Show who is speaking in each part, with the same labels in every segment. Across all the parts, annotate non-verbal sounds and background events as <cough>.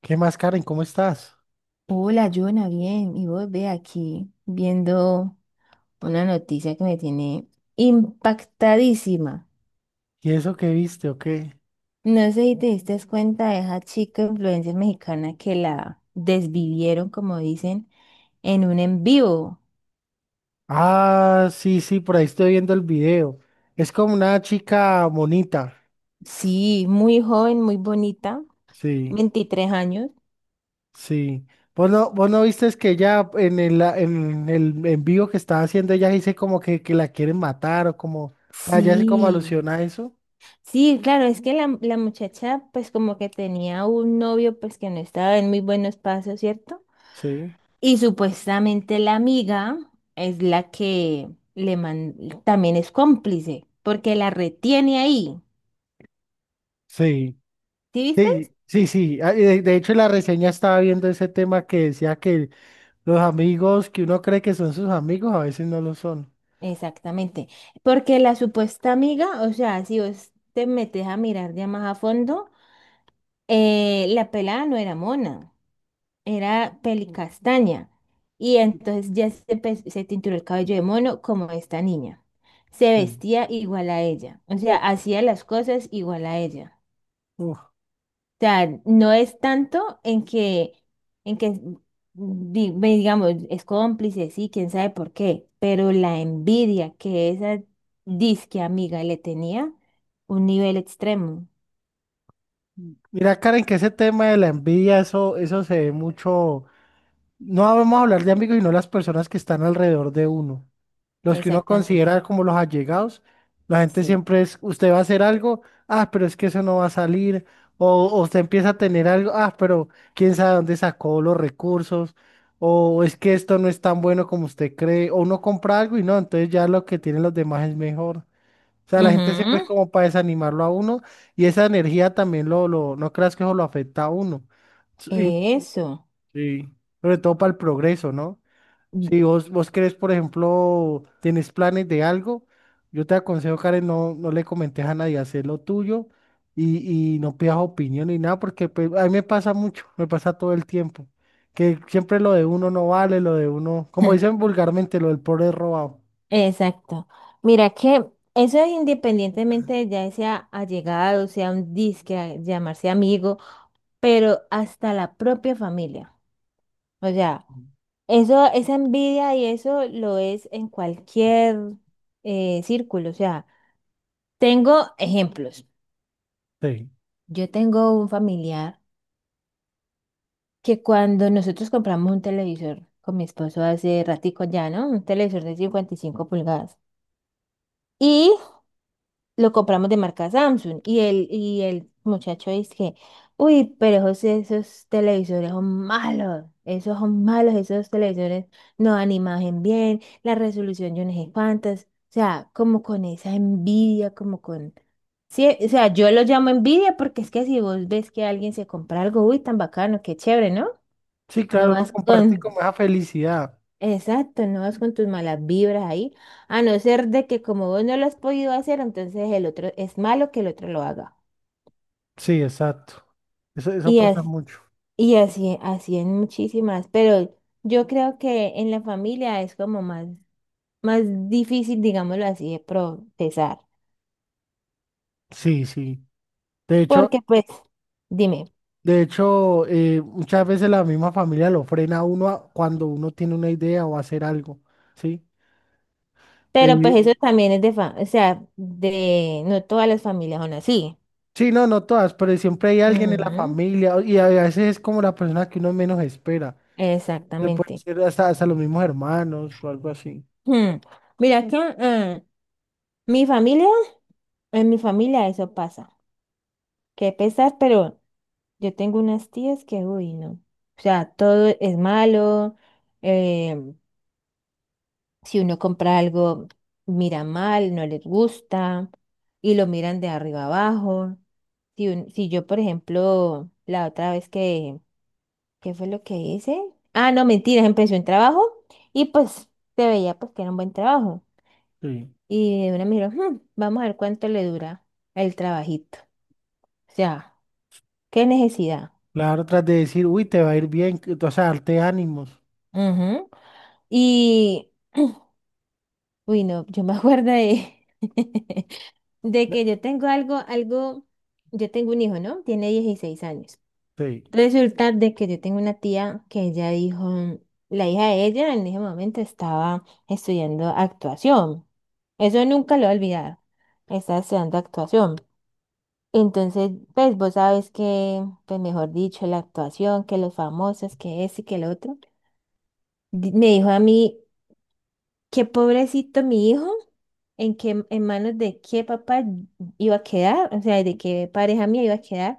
Speaker 1: ¿Qué más, Karen? ¿Cómo estás?
Speaker 2: Hola, Jonah, bien. Y vos ve aquí viendo una noticia que me tiene impactadísima.
Speaker 1: ¿Y eso que viste o qué?
Speaker 2: No sé si te diste cuenta de esa chica influencer mexicana que la desvivieron, como dicen, en un en vivo.
Speaker 1: Ah, sí, sí, por ahí estoy viendo el video. Es como una chica bonita.
Speaker 2: Sí, muy joven, muy bonita,
Speaker 1: Sí,
Speaker 2: 23 años.
Speaker 1: sí. Vos no viste que ella en el, la- en el en vivo que estaba haciendo, ella dice como que la quieren matar o como, o sea, ella hace como
Speaker 2: Sí,
Speaker 1: alusión a eso?
Speaker 2: sí, claro, es que la muchacha pues como que tenía un novio pues que no estaba en muy buenos pasos, ¿cierto?
Speaker 1: Sí.
Speaker 2: Y supuestamente la amiga es la que le man- también es cómplice, porque la retiene ahí.
Speaker 1: Sí,
Speaker 2: ¿Sí viste?
Speaker 1: sí, sí, sí. Ah, y de hecho, en la reseña estaba viendo ese tema que decía que los amigos que uno cree que son sus amigos a veces no lo son.
Speaker 2: Exactamente. Porque la supuesta amiga, o sea, si vos te metes a mirar ya más a fondo, la pelada no era mona, era pelicastaña. Y entonces ya se tinturó el cabello de mono como esta niña. Se
Speaker 1: Sí.
Speaker 2: vestía igual a ella. O sea, hacía las cosas igual a ella. Sea, no es tanto en que ve, digamos, es cómplice, sí, quién sabe por qué, pero la envidia que esa disque amiga le tenía, un nivel extremo.
Speaker 1: Mira, Karen, que ese tema de la envidia, eso se ve mucho. No vamos a hablar de amigos, sino las personas que están alrededor de uno. Los que uno
Speaker 2: Exactamente,
Speaker 1: considera como los allegados. La gente
Speaker 2: sí.
Speaker 1: siempre es, usted va a hacer algo, ah, pero es que eso no va a salir. O usted empieza a tener algo, ah, pero quién sabe dónde sacó los recursos. O es que esto no es tan bueno como usted cree. O uno compra algo y no, entonces ya lo que tienen los demás es mejor. O sea, la gente siempre es
Speaker 2: Ujú.
Speaker 1: como para desanimarlo a uno y esa energía también no creas que eso lo afecta a uno. Sí,
Speaker 2: Eso.
Speaker 1: sí. Sobre todo para el progreso, ¿no?
Speaker 2: Mm.
Speaker 1: Si vos querés, por ejemplo, tenés planes de algo, yo te aconsejo, Karen, no le comentes a nadie, hacer lo tuyo y no pidas opinión ni nada, porque pues, a mí me pasa mucho, me pasa todo el tiempo, que siempre lo de uno no vale, lo de uno, como dicen
Speaker 2: <laughs>
Speaker 1: vulgarmente, lo del pobre es robado.
Speaker 2: Exacto. Mira que eso es independientemente de ya sea allegado, sea un disque, llamarse amigo, pero hasta la propia familia. O sea, eso, esa envidia y eso lo es en cualquier círculo. O sea, tengo ejemplos.
Speaker 1: Sí.
Speaker 2: Yo tengo un familiar que cuando nosotros compramos un televisor con mi esposo hace ratico ya, ¿no? Un televisor de 55 pulgadas. Y lo compramos de marca Samsung y el muchacho dice que, uy, pero José, esos televisores son malos, esos televisores no dan imagen bien, la resolución yo no sé cuántas, o sea, como con esa envidia, como con... Sí, o sea, yo lo llamo envidia porque es que si vos ves que alguien se compra algo, uy, tan bacano, qué chévere, ¿no?
Speaker 1: Sí,
Speaker 2: No
Speaker 1: claro, uno
Speaker 2: vas
Speaker 1: comparte
Speaker 2: con,
Speaker 1: como esa felicidad.
Speaker 2: Exacto, no vas con tus malas vibras ahí, a no ser de que como vos no lo has podido hacer, entonces el otro es malo que el otro lo haga.
Speaker 1: Sí, exacto. Eso
Speaker 2: Y
Speaker 1: pasa
Speaker 2: así,
Speaker 1: mucho.
Speaker 2: y así, así en muchísimas, pero yo creo que en la familia es como más difícil, digámoslo así, de procesar.
Speaker 1: Sí, sí. De hecho,
Speaker 2: Porque pues, dime,
Speaker 1: de hecho, muchas veces la misma familia lo frena a uno a- cuando uno tiene una idea o hacer algo, ¿sí?
Speaker 2: pero pues
Speaker 1: Eh,
Speaker 2: eso también es o sea, de, no todas las familias son así.
Speaker 1: sí, no, no todas, pero siempre hay alguien en la
Speaker 2: Ujú.
Speaker 1: familia o- y a veces es como la persona que uno menos espera. Se puede
Speaker 2: Exactamente.
Speaker 1: ser hasta, hasta los mismos hermanos o algo así.
Speaker 2: Hmm. Mira que mi familia en mi familia eso pasa. Qué pesar, pero yo tengo unas tías que, uy, no. O sea, todo es malo. eh, si uno compra algo, mira mal, no les gusta y lo miran de arriba abajo. Si, si yo, por ejemplo, la otra vez que, ¿qué fue lo que hice? Ah, no, mentiras, empecé un trabajo y pues se veía pues que era un buen trabajo.
Speaker 1: Sí.
Speaker 2: Y de una me dijeron, "Hmm, vamos a ver cuánto le dura el trabajito. O sea, qué necesidad".
Speaker 1: Claro, tras de decir, uy, te va a ir bien, que- o sea, darte ánimos.
Speaker 2: Ujú. Y, uy, no, yo me acuerdo de, <laughs> de que yo tengo yo tengo un hijo, ¿no? Tiene 16 años.
Speaker 1: Sí.
Speaker 2: Resulta de que yo tengo una tía que ella dijo, la hija de ella en ese momento estaba estudiando actuación. Eso nunca lo he olvidado. Estaba estudiando actuación. Entonces, pues vos sabes que, pues mejor dicho, la actuación, que los famosos, que ese y que el otro. Me dijo a mí, qué pobrecito mi hijo, en manos de qué papá iba a quedar, o sea, de qué pareja mía iba a quedar,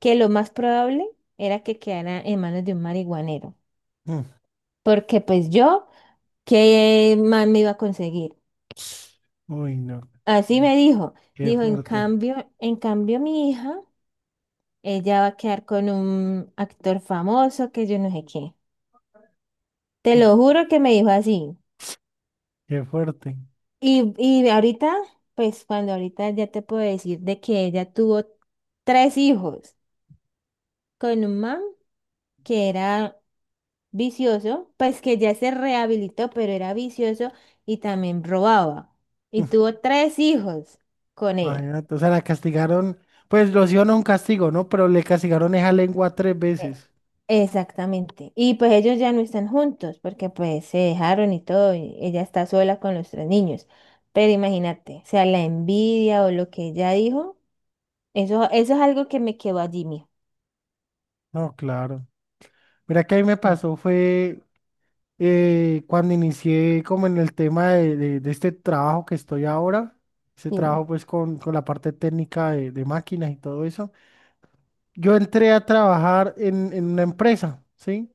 Speaker 2: que lo más probable era que quedara en manos de un marihuanero,
Speaker 1: Mm.
Speaker 2: porque pues yo, ¿qué más me iba a conseguir?
Speaker 1: Uy, no.
Speaker 2: Así me dijo,
Speaker 1: Qué
Speaker 2: dijo,
Speaker 1: fuerte.
Speaker 2: en cambio mi hija, ella va a quedar con un actor famoso que yo no sé qué. Te
Speaker 1: Mm.
Speaker 2: lo juro que me dijo así.
Speaker 1: Qué fuerte.
Speaker 2: Y ahorita, pues cuando ahorita ya te puedo decir de que ella tuvo tres hijos con un man que era vicioso, pues que ya se rehabilitó, pero era vicioso y también robaba. Y tuvo tres hijos con él.
Speaker 1: Imagínate, o sea, la castigaron, pues lo hicieron a un castigo, ¿no? Pero le castigaron esa lengua tres
Speaker 2: Eh,
Speaker 1: veces.
Speaker 2: Exactamente. Y pues ellos ya no están juntos porque pues se dejaron y todo, y ella está sola con los tres niños. Pero imagínate, o sea, la envidia o lo que ella dijo, eso es algo que me quedó allí, mío.
Speaker 1: No, claro. Mira que a mí me pasó fue cuando inicié como en el tema de este trabajo que estoy ahora, ese
Speaker 2: Sí,
Speaker 1: trabajo pues con la parte técnica de máquinas y todo eso. Yo entré a trabajar en una empresa, ¿sí?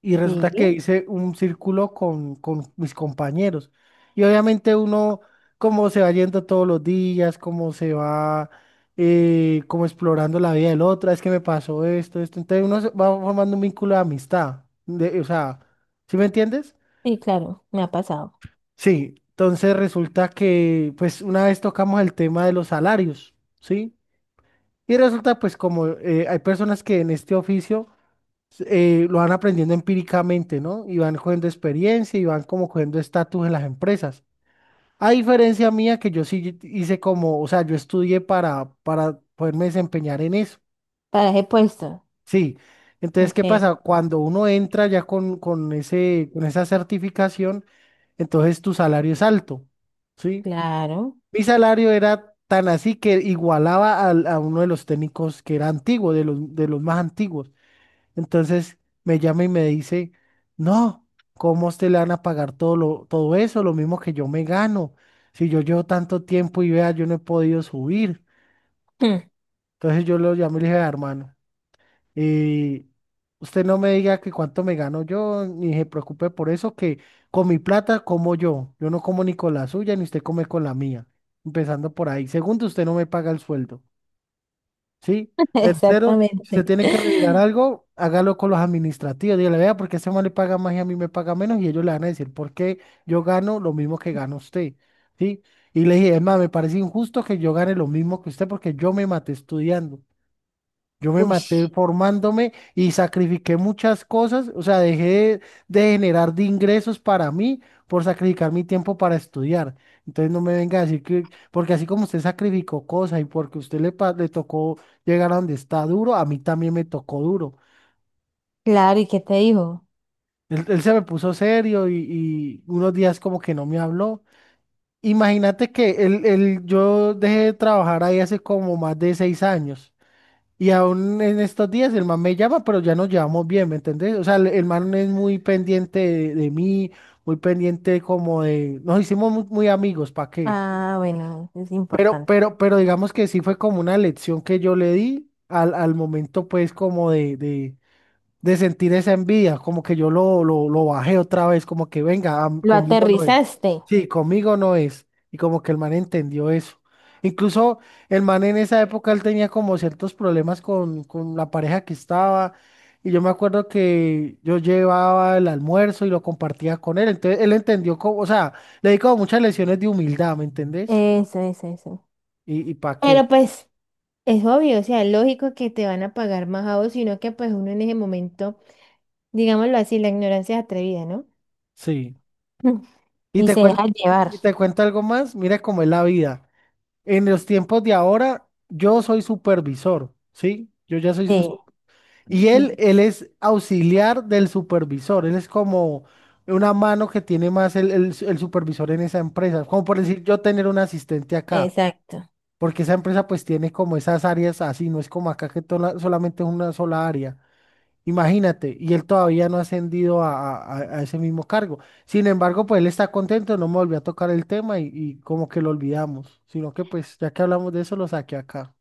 Speaker 1: Y
Speaker 2: sí,
Speaker 1: resulta que hice un círculo con mis compañeros. Y obviamente uno, como se va yendo todos los días, como se va como explorando la vida del otro, "Ah, es que me pasó esto, esto". Entonces uno se va formando un vínculo de amistad, de- o sea, ¿sí me entiendes?
Speaker 2: sí, claro, me ha pasado.
Speaker 1: Sí. Entonces resulta que, pues una vez tocamos el tema de los salarios, ¿sí? Y resulta pues como hay personas que en este oficio lo van aprendiendo empíricamente, ¿no? Y van cogiendo experiencia y van como cogiendo estatus en las empresas. A diferencia mía, que yo sí hice como, o sea, yo estudié para poderme desempeñar en eso.
Speaker 2: Para he puesto.
Speaker 1: Sí. Entonces,
Speaker 2: Ok,
Speaker 1: ¿qué pasa? Cuando uno entra ya con ese, con esa certificación, entonces tu salario es alto, ¿sí?
Speaker 2: claro.
Speaker 1: Mi salario era tan así que igualaba al- a uno de los técnicos que era antiguo, de los más antiguos. Entonces me llama y me dice, no, ¿cómo a usted le van a pagar todo, lo, todo eso? Lo mismo que yo me gano. Si yo llevo tanto tiempo y vea, yo no he podido subir.
Speaker 2: <laughs>
Speaker 1: Entonces yo lo llamé y le dije, "Vea, hermano, eh, usted no me diga que cuánto me gano yo, ni se preocupe por eso, que con mi plata como yo. Yo no como ni con la suya, ni usted come con la mía. Empezando por ahí. Segundo, usted no me paga el sueldo, ¿sí? Tercero, si se
Speaker 2: Exactamente.
Speaker 1: tiene que revirar algo, hágalo con los administrativos. Dígale, vea, ¿porque ese man le paga más y a mí me paga menos? Y ellos le van a decir, ¿por qué yo gano lo mismo que gana usted? ¿Sí? Y le dije, es más, me parece injusto que yo gane lo mismo que usted porque yo me maté estudiando. Yo me
Speaker 2: Uy,
Speaker 1: maté formándome y sacrifiqué muchas cosas, o sea, dejé de generar de ingresos para mí por sacrificar mi tiempo para estudiar. Entonces no me venga a decir que, porque así como usted sacrificó cosas y porque usted le, pa- le tocó llegar a donde está duro, a mí también me tocó duro.
Speaker 2: claro, ¿y qué te dijo?
Speaker 1: Él se me puso serio y unos días como que no me habló. Imagínate que él- yo dejé de trabajar ahí hace como más de 6 años. Y aún en estos días el man me llama, pero ya nos llevamos bien, ¿me entendés? O sea, el man es muy pendiente de mí, muy pendiente como de... Nos hicimos muy, muy amigos, ¿para qué?
Speaker 2: Ah, bueno, es
Speaker 1: Pero,
Speaker 2: importante.
Speaker 1: pero, pero digamos que sí fue como una lección que yo le di al, al momento, pues, como de sentir esa envidia, como que yo lo bajé otra vez, como que venga, am-
Speaker 2: Lo
Speaker 1: conmigo no es.
Speaker 2: aterrizaste.
Speaker 1: Sí, conmigo no es. Y como que el man entendió eso. Incluso el man en esa época él tenía como ciertos problemas con la pareja que estaba. Y yo me acuerdo que yo llevaba el almuerzo y lo compartía con él. Entonces él entendió como, o sea, le di como muchas lecciones de humildad, ¿me entendés?
Speaker 2: Eso.
Speaker 1: Y para qué.
Speaker 2: Pero pues es obvio, o sea, es lógico que te van a pagar más a vos, sino que pues uno en ese momento, digámoslo así, la ignorancia es atrevida, ¿no?
Speaker 1: Sí.
Speaker 2: <laughs>
Speaker 1: Y
Speaker 2: Y
Speaker 1: te
Speaker 2: se
Speaker 1: cuen-
Speaker 2: deja llevar.
Speaker 1: y te cuento algo más, mira cómo es la vida. En los tiempos de ahora, yo soy supervisor, ¿sí? Yo ya soy un... su-
Speaker 2: Sí,
Speaker 1: Y él,
Speaker 2: sí,
Speaker 1: él es auxiliar del supervisor, él es como una mano que tiene más el su- el supervisor en esa empresa, como por
Speaker 2: sí,
Speaker 1: decir yo tener un asistente acá,
Speaker 2: exacto.
Speaker 1: porque esa empresa pues tiene como esas áreas así, no es como acá que tola- solamente es una sola área. Imagínate, y él todavía no ha ascendido a ese mismo cargo. Sin embargo, pues él está contento, no me volvió a tocar el tema y como que lo olvidamos, sino que pues ya que hablamos de eso, lo saqué acá.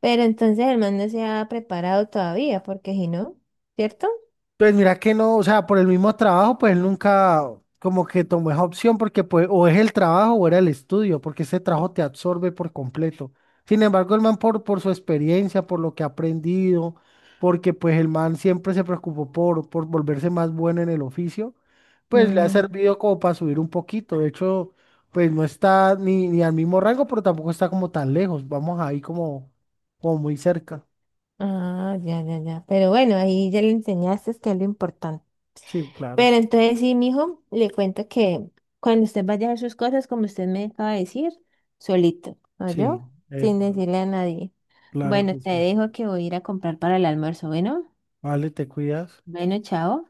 Speaker 2: Pero entonces el man no se ha preparado todavía, porque si no, ¿cierto?
Speaker 1: Pues mira que no, o sea, por el mismo trabajo, pues él nunca como que tomó esa opción porque pues o es el trabajo o era el estudio, porque ese trabajo te absorbe por completo. Sin embargo, el man por su experiencia, por lo que ha aprendido, porque pues el man siempre se preocupó por volverse más bueno en el oficio, pues le ha
Speaker 2: Mm.
Speaker 1: servido como para subir un poquito. De hecho, pues no está ni, ni al mismo rango, pero tampoco está como tan lejos. Vamos ahí como, como muy cerca.
Speaker 2: Ah, ya, ya, ya. Pero bueno, ahí ya le enseñaste que es lo importante.
Speaker 1: Sí, claro.
Speaker 2: Pero entonces sí, mijo, le cuento que cuando usted vaya a hacer sus cosas, como usted me acaba de decir, solito, ¿no
Speaker 1: Sí,
Speaker 2: yo? Sin
Speaker 1: epa,
Speaker 2: decirle a nadie.
Speaker 1: claro
Speaker 2: Bueno,
Speaker 1: que
Speaker 2: te
Speaker 1: sí.
Speaker 2: dejo que voy a ir a comprar para el almuerzo. Bueno,
Speaker 1: Vale, te cuidas.
Speaker 2: bueno, chao.